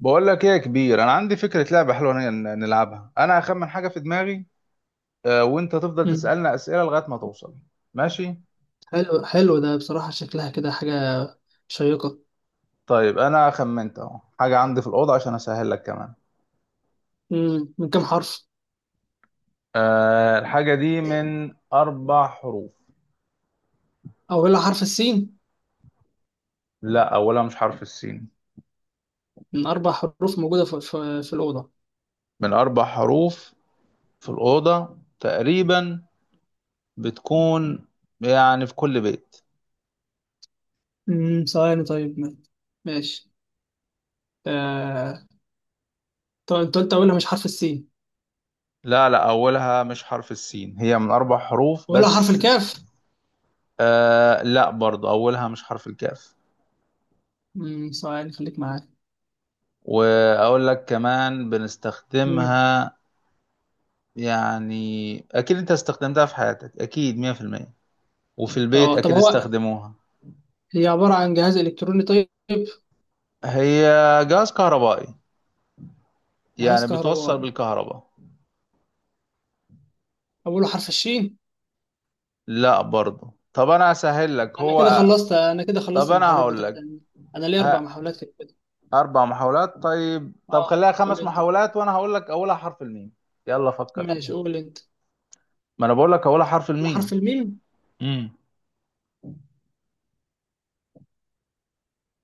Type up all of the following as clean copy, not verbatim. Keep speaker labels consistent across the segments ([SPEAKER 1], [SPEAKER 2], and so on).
[SPEAKER 1] بقول لك ايه يا كبير، انا عندي فكره لعبه حلوه نلعبها، انا هخمن حاجه في دماغي. وانت تفضل
[SPEAKER 2] مم.
[SPEAKER 1] تسالنا اسئله لغايه ما توصل. ماشي.
[SPEAKER 2] حلو ده بصراحة شكلها كده حاجة شيقة.
[SPEAKER 1] طيب انا خمنت اهو حاجه عندي في الاوضه عشان اسهل لك كمان.
[SPEAKER 2] من كام حرف؟
[SPEAKER 1] الحاجه دي من 4 حروف.
[SPEAKER 2] أولها حرف السين.
[SPEAKER 1] لا، اولها مش حرف السين.
[SPEAKER 2] من أربع حروف موجودة في الأوضة.
[SPEAKER 1] من 4 حروف في الاوضه تقريبا، بتكون يعني في كل بيت.
[SPEAKER 2] ثواني، طيب ماشي. آه... طب أنت قلت أولها مش حرف السين.
[SPEAKER 1] لا لا، اولها مش حرف السين، هي من 4 حروف
[SPEAKER 2] أولها حرف
[SPEAKER 1] بس.
[SPEAKER 2] الكاف.
[SPEAKER 1] لا برضه، اولها مش حرف الكاف.
[SPEAKER 2] ثواني خليك معايا.
[SPEAKER 1] واقول لك كمان
[SPEAKER 2] مم.
[SPEAKER 1] بنستخدمها، يعني اكيد انت استخدمتها في حياتك اكيد 100%. وفي البيت
[SPEAKER 2] طب
[SPEAKER 1] اكيد استخدموها.
[SPEAKER 2] هي عبارة عن جهاز إلكتروني؟ طيب،
[SPEAKER 1] هي جهاز كهربائي،
[SPEAKER 2] جهاز
[SPEAKER 1] يعني بتوصل
[SPEAKER 2] كهربائي.
[SPEAKER 1] بالكهرباء.
[SPEAKER 2] أوله حرف الشين.
[SPEAKER 1] لا برضه، طب انا اسهل لك هو.
[SPEAKER 2] أنا كده خلصت
[SPEAKER 1] طب انا
[SPEAKER 2] المحاولات
[SPEAKER 1] هقول
[SPEAKER 2] بتاعتي.
[SPEAKER 1] لك.
[SPEAKER 2] أنا ليا أربع
[SPEAKER 1] ها.
[SPEAKER 2] محاولات كده.
[SPEAKER 1] 4 محاولات، طيب، طب
[SPEAKER 2] أه،
[SPEAKER 1] خليها
[SPEAKER 2] قول
[SPEAKER 1] خمس
[SPEAKER 2] أنت.
[SPEAKER 1] محاولات وانا هقول لك اولها حرف الميم. يلا فكر فيها.
[SPEAKER 2] ماشي، قول أنت.
[SPEAKER 1] ما انا بقول لك اولها حرف الميم.
[SPEAKER 2] لحرف الميم.
[SPEAKER 1] امم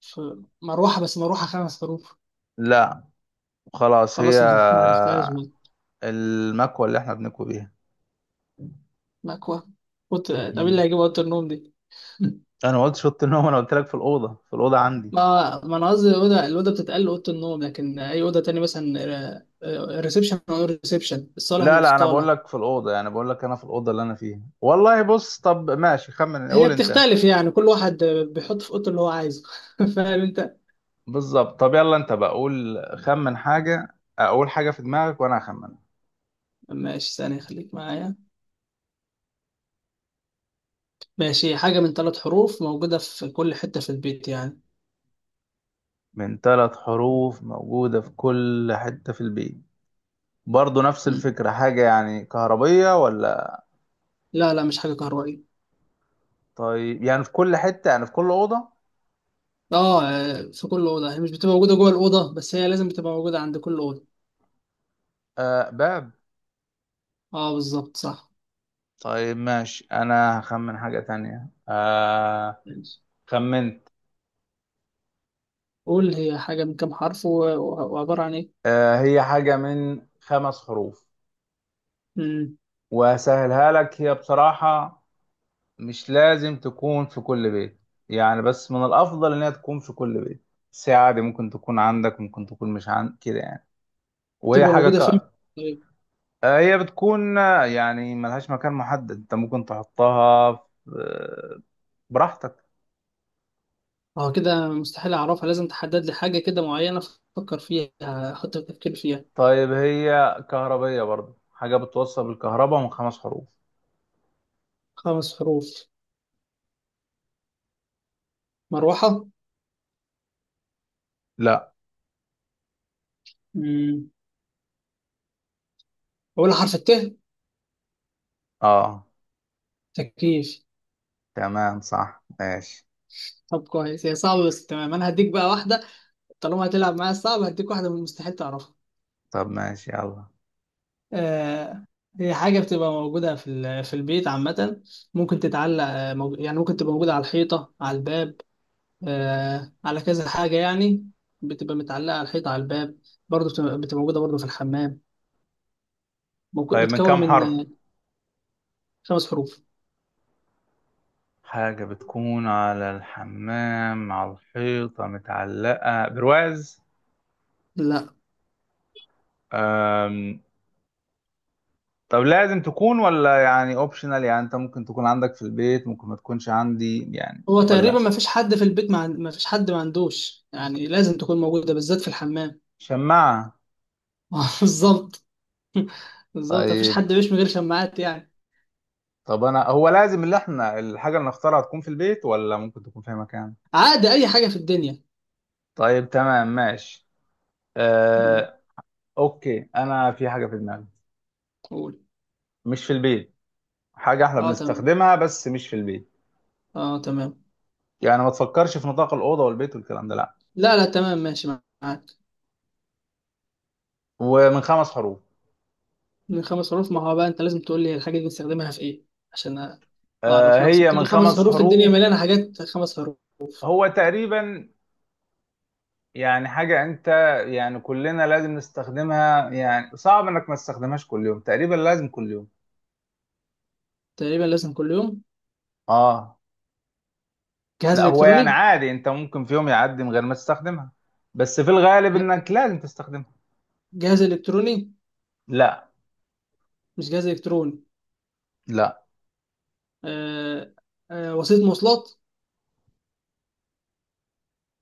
[SPEAKER 2] في مروحة، بس مروحة خمس حروف.
[SPEAKER 1] لا. خلاص، هي
[SPEAKER 2] خلاص، أنا ما عرفتهاش بقى.
[SPEAKER 1] المكوة اللي احنا بنكوي
[SPEAKER 2] مكوة. قلت طب إيه
[SPEAKER 1] بيها.
[SPEAKER 2] اللي هيجيب أوضة النوم دي؟
[SPEAKER 1] انا ما قلتش اوضه النوم، انا قلت لك في الاوضه عندي.
[SPEAKER 2] ما ما أنا قصدي الأوضة، الأوضة بتتقال أوضة النوم، لكن أي أوضة تانية مثلا ريسبشن نقول ريسبشن، الصالة
[SPEAKER 1] لا
[SPEAKER 2] نقول
[SPEAKER 1] لا انا بقول
[SPEAKER 2] صالة.
[SPEAKER 1] لك في الاوضه، يعني بقول لك انا في الاوضه اللي انا فيها والله، بص، طب ماشي، خمن
[SPEAKER 2] هي
[SPEAKER 1] قول انت.
[SPEAKER 2] بتختلف، يعني كل واحد بيحط في أوضته اللي هو عايزه. فاهم أنت؟
[SPEAKER 1] بالظبط، طب يلا انت بقى قول، خمن حاجه، اقول حاجه في دماغك وانا هخمنها.
[SPEAKER 2] ماشي، ثانية خليك معايا. ماشي، حاجة من ثلاث حروف موجودة في كل حتة في البيت يعني.
[SPEAKER 1] من 3 حروف موجوده في كل حته في البيت. برضه نفس
[SPEAKER 2] مم.
[SPEAKER 1] الفكره، حاجه يعني كهربيه ولا؟
[SPEAKER 2] لا لا، مش حاجة كهربائية.
[SPEAKER 1] طيب يعني في كل حته، يعني في كل اوضه.
[SPEAKER 2] اه آه، في كل اوضه. هي مش بتبقى موجوده جوه الاوضه، بس هي لازم بتبقى موجوده عند كل اوضه.
[SPEAKER 1] آه، باب.
[SPEAKER 2] اه بالظبط، صح.
[SPEAKER 1] طيب ماشي، انا هخمن حاجه تانية.
[SPEAKER 2] ماشي.
[SPEAKER 1] خمنت.
[SPEAKER 2] قول، هي حاجه من كام حرف وعباره عن ايه؟
[SPEAKER 1] هي حاجة من 5 حروف.
[SPEAKER 2] امم،
[SPEAKER 1] وهسهلها لك، هي بصراحة مش لازم تكون في كل بيت، يعني بس من الأفضل إنها تكون في كل بيت. ساعة دي ممكن تكون عندك ممكن تكون مش عندك كده يعني. وهي
[SPEAKER 2] تبقى
[SPEAKER 1] حاجة
[SPEAKER 2] موجوده فين؟ طيب.
[SPEAKER 1] هي بتكون، يعني ملهاش مكان محدد، أنت ممكن تحطها آه، براحتك.
[SPEAKER 2] اه كده مستحيل اعرفها، لازم تحدد لي حاجه كده معينه افكر فيها، احط تفكير فيها.
[SPEAKER 1] طيب هي كهربية برضه، حاجة بتوصل بالكهرباء من 5 حروف.
[SPEAKER 2] خمس حروف. مروحه.
[SPEAKER 1] لا.
[SPEAKER 2] امم، اول حرف الت.
[SPEAKER 1] اه
[SPEAKER 2] تكييف.
[SPEAKER 1] تمام صح ماشي.
[SPEAKER 2] طب كويس، هي صعبه بس تمام. انا هديك بقى واحده، طالما هتلعب معايا صعب، هديك واحده من المستحيل تعرفها.
[SPEAKER 1] طب ماشي يلا.
[SPEAKER 2] آه، هي حاجة بتبقى موجودة في في البيت عامة، ممكن تتعلق آه، يعني ممكن تبقى موجودة على الحيطة، على الباب، آه، على كذا حاجة يعني. بتبقى متعلقة على الحيطة، على الباب. برضه بتبقى موجودة برضه في الحمام.
[SPEAKER 1] طيب من
[SPEAKER 2] بتكون
[SPEAKER 1] كام
[SPEAKER 2] من
[SPEAKER 1] حرف؟
[SPEAKER 2] آه، خمس حروف.
[SPEAKER 1] حاجة بتكون على الحمام، على الحيطة، متعلقة برواز.
[SPEAKER 2] لا.
[SPEAKER 1] أم... طب لازم تكون ولا يعني اوبشنال، يعني انت ممكن تكون عندك في البيت ممكن ما تكونش عندي يعني
[SPEAKER 2] هو تقريبا
[SPEAKER 1] ولا؟
[SPEAKER 2] ما فيش حد في البيت ما فيش حد ما عندوش، يعني لازم تكون موجودة بالذات في الحمام.
[SPEAKER 1] شماعة.
[SPEAKER 2] بالظبط. بالظبط، ما فيش
[SPEAKER 1] طيب.
[SPEAKER 2] حد بيش من غير شماعات يعني.
[SPEAKER 1] طب انا، هو لازم اللي احنا الحاجة اللي نختارها تكون في البيت ولا ممكن تكون في أي مكان؟
[SPEAKER 2] عادي، أي حاجة في الدنيا.
[SPEAKER 1] طيب تمام ماشي.
[SPEAKER 2] م.
[SPEAKER 1] أه... اوكي، انا في حاجة في دماغي.
[SPEAKER 2] قول.
[SPEAKER 1] مش في البيت. حاجة احنا
[SPEAKER 2] اه تمام،
[SPEAKER 1] بنستخدمها بس مش في البيت.
[SPEAKER 2] اه تمام.
[SPEAKER 1] يعني ما تفكرش في نطاق الأوضة والبيت والكلام ده، لا.
[SPEAKER 2] لا لا تمام، ماشي، معاك.
[SPEAKER 1] ومن خمس حروف.
[SPEAKER 2] من خمس حروف. ما هو بقى انت لازم تقول لي الحاجة دي بنستخدمها في ايه عشان اعرف، لو
[SPEAKER 1] هي
[SPEAKER 2] سبت لي
[SPEAKER 1] من
[SPEAKER 2] خمس
[SPEAKER 1] خمس
[SPEAKER 2] حروف الدنيا
[SPEAKER 1] حروف
[SPEAKER 2] مليانة حاجات خمس حروف.
[SPEAKER 1] هو تقريبا، يعني حاجة أنت، يعني كلنا لازم نستخدمها، يعني صعب إنك ما تستخدمهاش كل يوم، تقريبا لازم كل يوم.
[SPEAKER 2] تقريبا لازم كل يوم.
[SPEAKER 1] آه.
[SPEAKER 2] جهاز
[SPEAKER 1] لا، هو يعني
[SPEAKER 2] الكتروني.
[SPEAKER 1] عادي أنت ممكن في يوم يعدي من غير ما تستخدمها، بس في الغالب
[SPEAKER 2] ج-
[SPEAKER 1] إنك لازم تستخدمها.
[SPEAKER 2] جهاز الكتروني.
[SPEAKER 1] لا.
[SPEAKER 2] مش جهاز الكتروني.
[SPEAKER 1] لا.
[SPEAKER 2] آه، آه وسيلة مواصلات.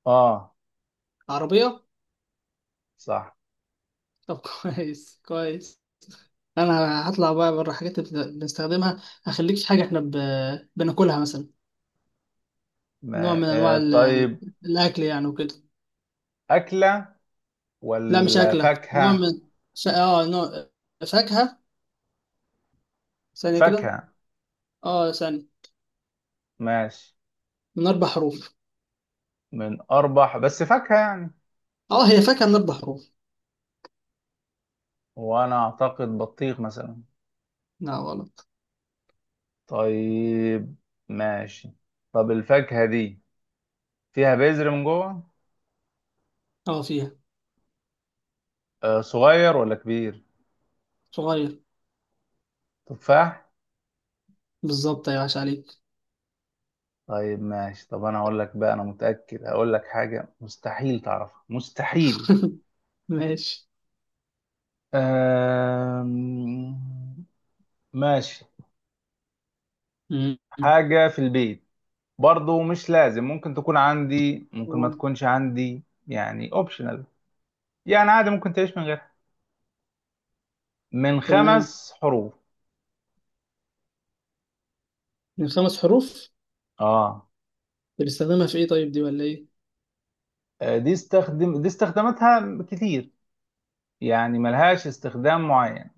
[SPEAKER 1] آه
[SPEAKER 2] عربية.
[SPEAKER 1] صح.
[SPEAKER 2] طب كويس كويس. انا هطلع بقى بره، حاجات بنستخدمها. هخليك في حاجة احنا ب... بناكلها مثلا، نوع
[SPEAKER 1] ما
[SPEAKER 2] من انواع ال...
[SPEAKER 1] طيب.
[SPEAKER 2] الاكل يعني وكده.
[SPEAKER 1] أكلة
[SPEAKER 2] لا مش
[SPEAKER 1] ولا
[SPEAKER 2] أكلة، نوع
[SPEAKER 1] فاكهة؟
[SPEAKER 2] من ش... اه نوع فاكهة. ثانية كده.
[SPEAKER 1] فاكهة.
[SPEAKER 2] اه ثانية.
[SPEAKER 1] ماشي.
[SPEAKER 2] من أربع حروف.
[SPEAKER 1] من أربح بس فاكهة يعني؟
[SPEAKER 2] اه، هي فاكهة من أربع حروف.
[SPEAKER 1] وأنا أعتقد بطيخ مثلا.
[SPEAKER 2] لا غلط.
[SPEAKER 1] طيب ماشي. طب الفاكهة دي فيها بذر من جوه؟
[SPEAKER 2] اه فيها.
[SPEAKER 1] آه صغير ولا كبير؟
[SPEAKER 2] صغير.
[SPEAKER 1] تفاح.
[SPEAKER 2] بالظبط، يا عاش عليك.
[SPEAKER 1] طيب ماشي، طب أنا هقول لك بقى، أنا متأكد هقول لك حاجة مستحيل تعرفها مستحيل.
[SPEAKER 2] ماشي.
[SPEAKER 1] آم... ماشي.
[SPEAKER 2] مم.
[SPEAKER 1] حاجة في البيت، برضو مش لازم، ممكن تكون عندي ممكن ما
[SPEAKER 2] آه،
[SPEAKER 1] تكونش عندي يعني اوبشنال. يعني عادي ممكن تعيش من غيرها. من
[SPEAKER 2] تمام.
[SPEAKER 1] 5 حروف.
[SPEAKER 2] من خمس حروف.
[SPEAKER 1] اه.
[SPEAKER 2] بنستخدمها في ايه طيب، دي ولا ايه؟
[SPEAKER 1] دي استخدم، استخداماتها كتير، يعني ملهاش استخدام معين،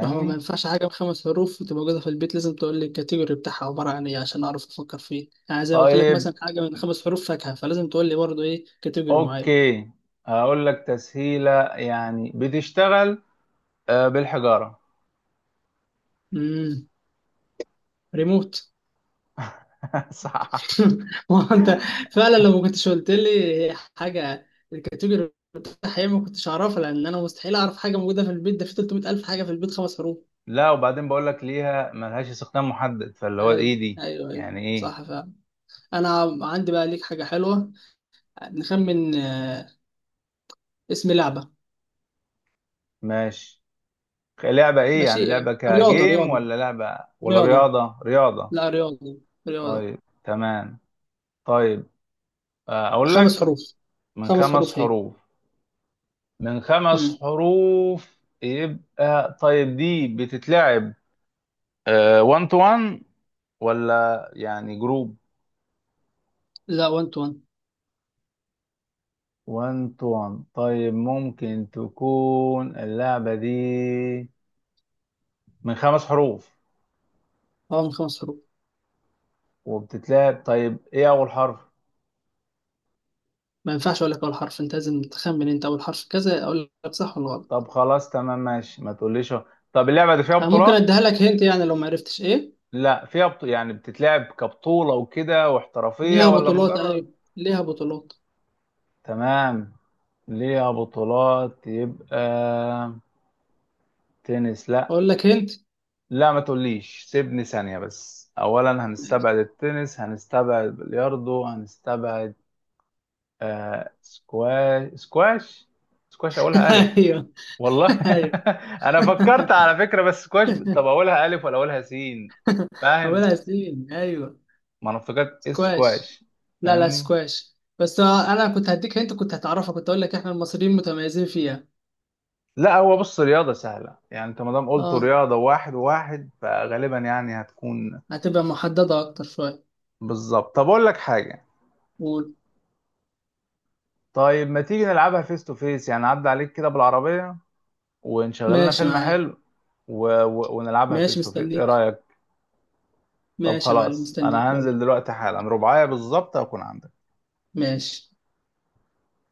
[SPEAKER 2] ما هو ما ينفعش حاجة بخمس حروف وتبقى موجودة في البيت، لازم تقول لي الكاتيجوري بتاعها عبارة عن ايه عشان أعرف أفكر فيه، يعني زي ما قلت لك
[SPEAKER 1] طيب
[SPEAKER 2] مثلا حاجة من خمس حروف فاكهة، فلازم تقول لي برضه ايه كاتيجوري معين.
[SPEAKER 1] اوكي، هقول لك تسهيلة، يعني بتشتغل بالحجارة.
[SPEAKER 2] امم، ريموت.
[SPEAKER 1] صح.
[SPEAKER 2] ما هو انت فعلا لو ما كنتش قلت لي حاجه الكاتيجوري الحقيقي ما كنتش اعرفها، لان انا مستحيل اعرف حاجه موجوده في البيت، ده في 300 الف حاجه في البيت خمس حروف.
[SPEAKER 1] لا، وبعدين بقول لك ليها ملهاش استخدام محدد، فاللي هو ايه دي،
[SPEAKER 2] ايوه
[SPEAKER 1] يعني ايه؟
[SPEAKER 2] صح فعلا. انا عندي بقى ليك حاجه حلوه، نخمن آه، اسم لعبه.
[SPEAKER 1] ماشي. لعبة ايه
[SPEAKER 2] ماشي.
[SPEAKER 1] يعني؟ لعبة
[SPEAKER 2] رياضه
[SPEAKER 1] كجيم،
[SPEAKER 2] رياضه
[SPEAKER 1] ولا لعبة، ولا
[SPEAKER 2] رياضه.
[SPEAKER 1] رياضة؟ رياضة.
[SPEAKER 2] لا، رياضه. رياضه.
[SPEAKER 1] طيب تمام. طيب اقول
[SPEAKER 2] خمس
[SPEAKER 1] لك.
[SPEAKER 2] حروف.
[SPEAKER 1] من
[SPEAKER 2] خمس حروف
[SPEAKER 1] خمس
[SPEAKER 2] هي.
[SPEAKER 1] حروف من خمس
[SPEAKER 2] امم.
[SPEAKER 1] حروف يبقى، طيب دي بتتلعب 1 تو 1 ولا يعني جروب؟
[SPEAKER 2] لا، 1 تو 1.
[SPEAKER 1] 1 تو 1، طيب ممكن تكون اللعبة دي من 5 حروف
[SPEAKER 2] اه من خمس حروف.
[SPEAKER 1] وبتتلعب، طيب ايه اول حرف؟
[SPEAKER 2] ما ينفعش اقول لك اول حرف، انت لازم تخمن، انت اول حرف كذا اقول لك صح ولا غلط.
[SPEAKER 1] طب خلاص تمام ماشي، ما تقوليش. طب اللعبة دي فيها
[SPEAKER 2] أه ممكن
[SPEAKER 1] بطولات؟
[SPEAKER 2] اديها لك هنت يعني لو ما عرفتش ايه.
[SPEAKER 1] لا فيها يعني بتتلعب كبطولة وكده واحترافية،
[SPEAKER 2] ليها
[SPEAKER 1] ولا
[SPEAKER 2] بطولات،
[SPEAKER 1] مجرد؟
[SPEAKER 2] ايوه. ليها بطولات.
[SPEAKER 1] تمام. ليها بطولات يبقى. تنس، لا.
[SPEAKER 2] اقول لك هنت.
[SPEAKER 1] لا ما تقوليش، سيبني ثانية بس، أولا هنستبعد التنس، هنستبعد بلياردو، هنستبعد سكواش سكواش. سكواش أولها ألف؟
[SPEAKER 2] ايوه
[SPEAKER 1] والله
[SPEAKER 2] ايوه
[SPEAKER 1] أنا فكرت على فكرة بس سكواش، طب أولها ألف ولا أولها سين؟ فاهم.
[SPEAKER 2] اولها سين، ايوه.
[SPEAKER 1] ما أنا افتكرت
[SPEAKER 2] سكواش.
[SPEAKER 1] سكواش،
[SPEAKER 2] لا لا
[SPEAKER 1] فاهمني؟
[SPEAKER 2] سكواش، بس آه، انا كنت هديك هنت، كنت هتعرفها. كنت اقول لك احنا المصريين متميزين فيها.
[SPEAKER 1] لا هو بص، رياضة سهلة يعني، أنت ما دام قلت
[SPEAKER 2] اه،
[SPEAKER 1] رياضة واحد وواحد فغالبا يعني هتكون.
[SPEAKER 2] هتبقى محددة اكتر شوية.
[SPEAKER 1] بالظبط، طب أقول لك حاجة.
[SPEAKER 2] قول.
[SPEAKER 1] طيب ما تيجي نلعبها فيس تو فيس يعني، عدى عليك كده بالعربية، ونشغل لنا
[SPEAKER 2] ماشي
[SPEAKER 1] فيلم
[SPEAKER 2] معاك.
[SPEAKER 1] حلو، ونلعبها
[SPEAKER 2] ماشي
[SPEAKER 1] فيس تو فيس، ايه
[SPEAKER 2] مستنيك.
[SPEAKER 1] رأيك؟ طب
[SPEAKER 2] ماشي يا معلم،
[SPEAKER 1] خلاص،
[SPEAKER 2] مستنيك،
[SPEAKER 1] انا
[SPEAKER 2] يلا.
[SPEAKER 1] هنزل دلوقتي حالا، رباعية بالظبط هكون عندك.
[SPEAKER 2] ماشي.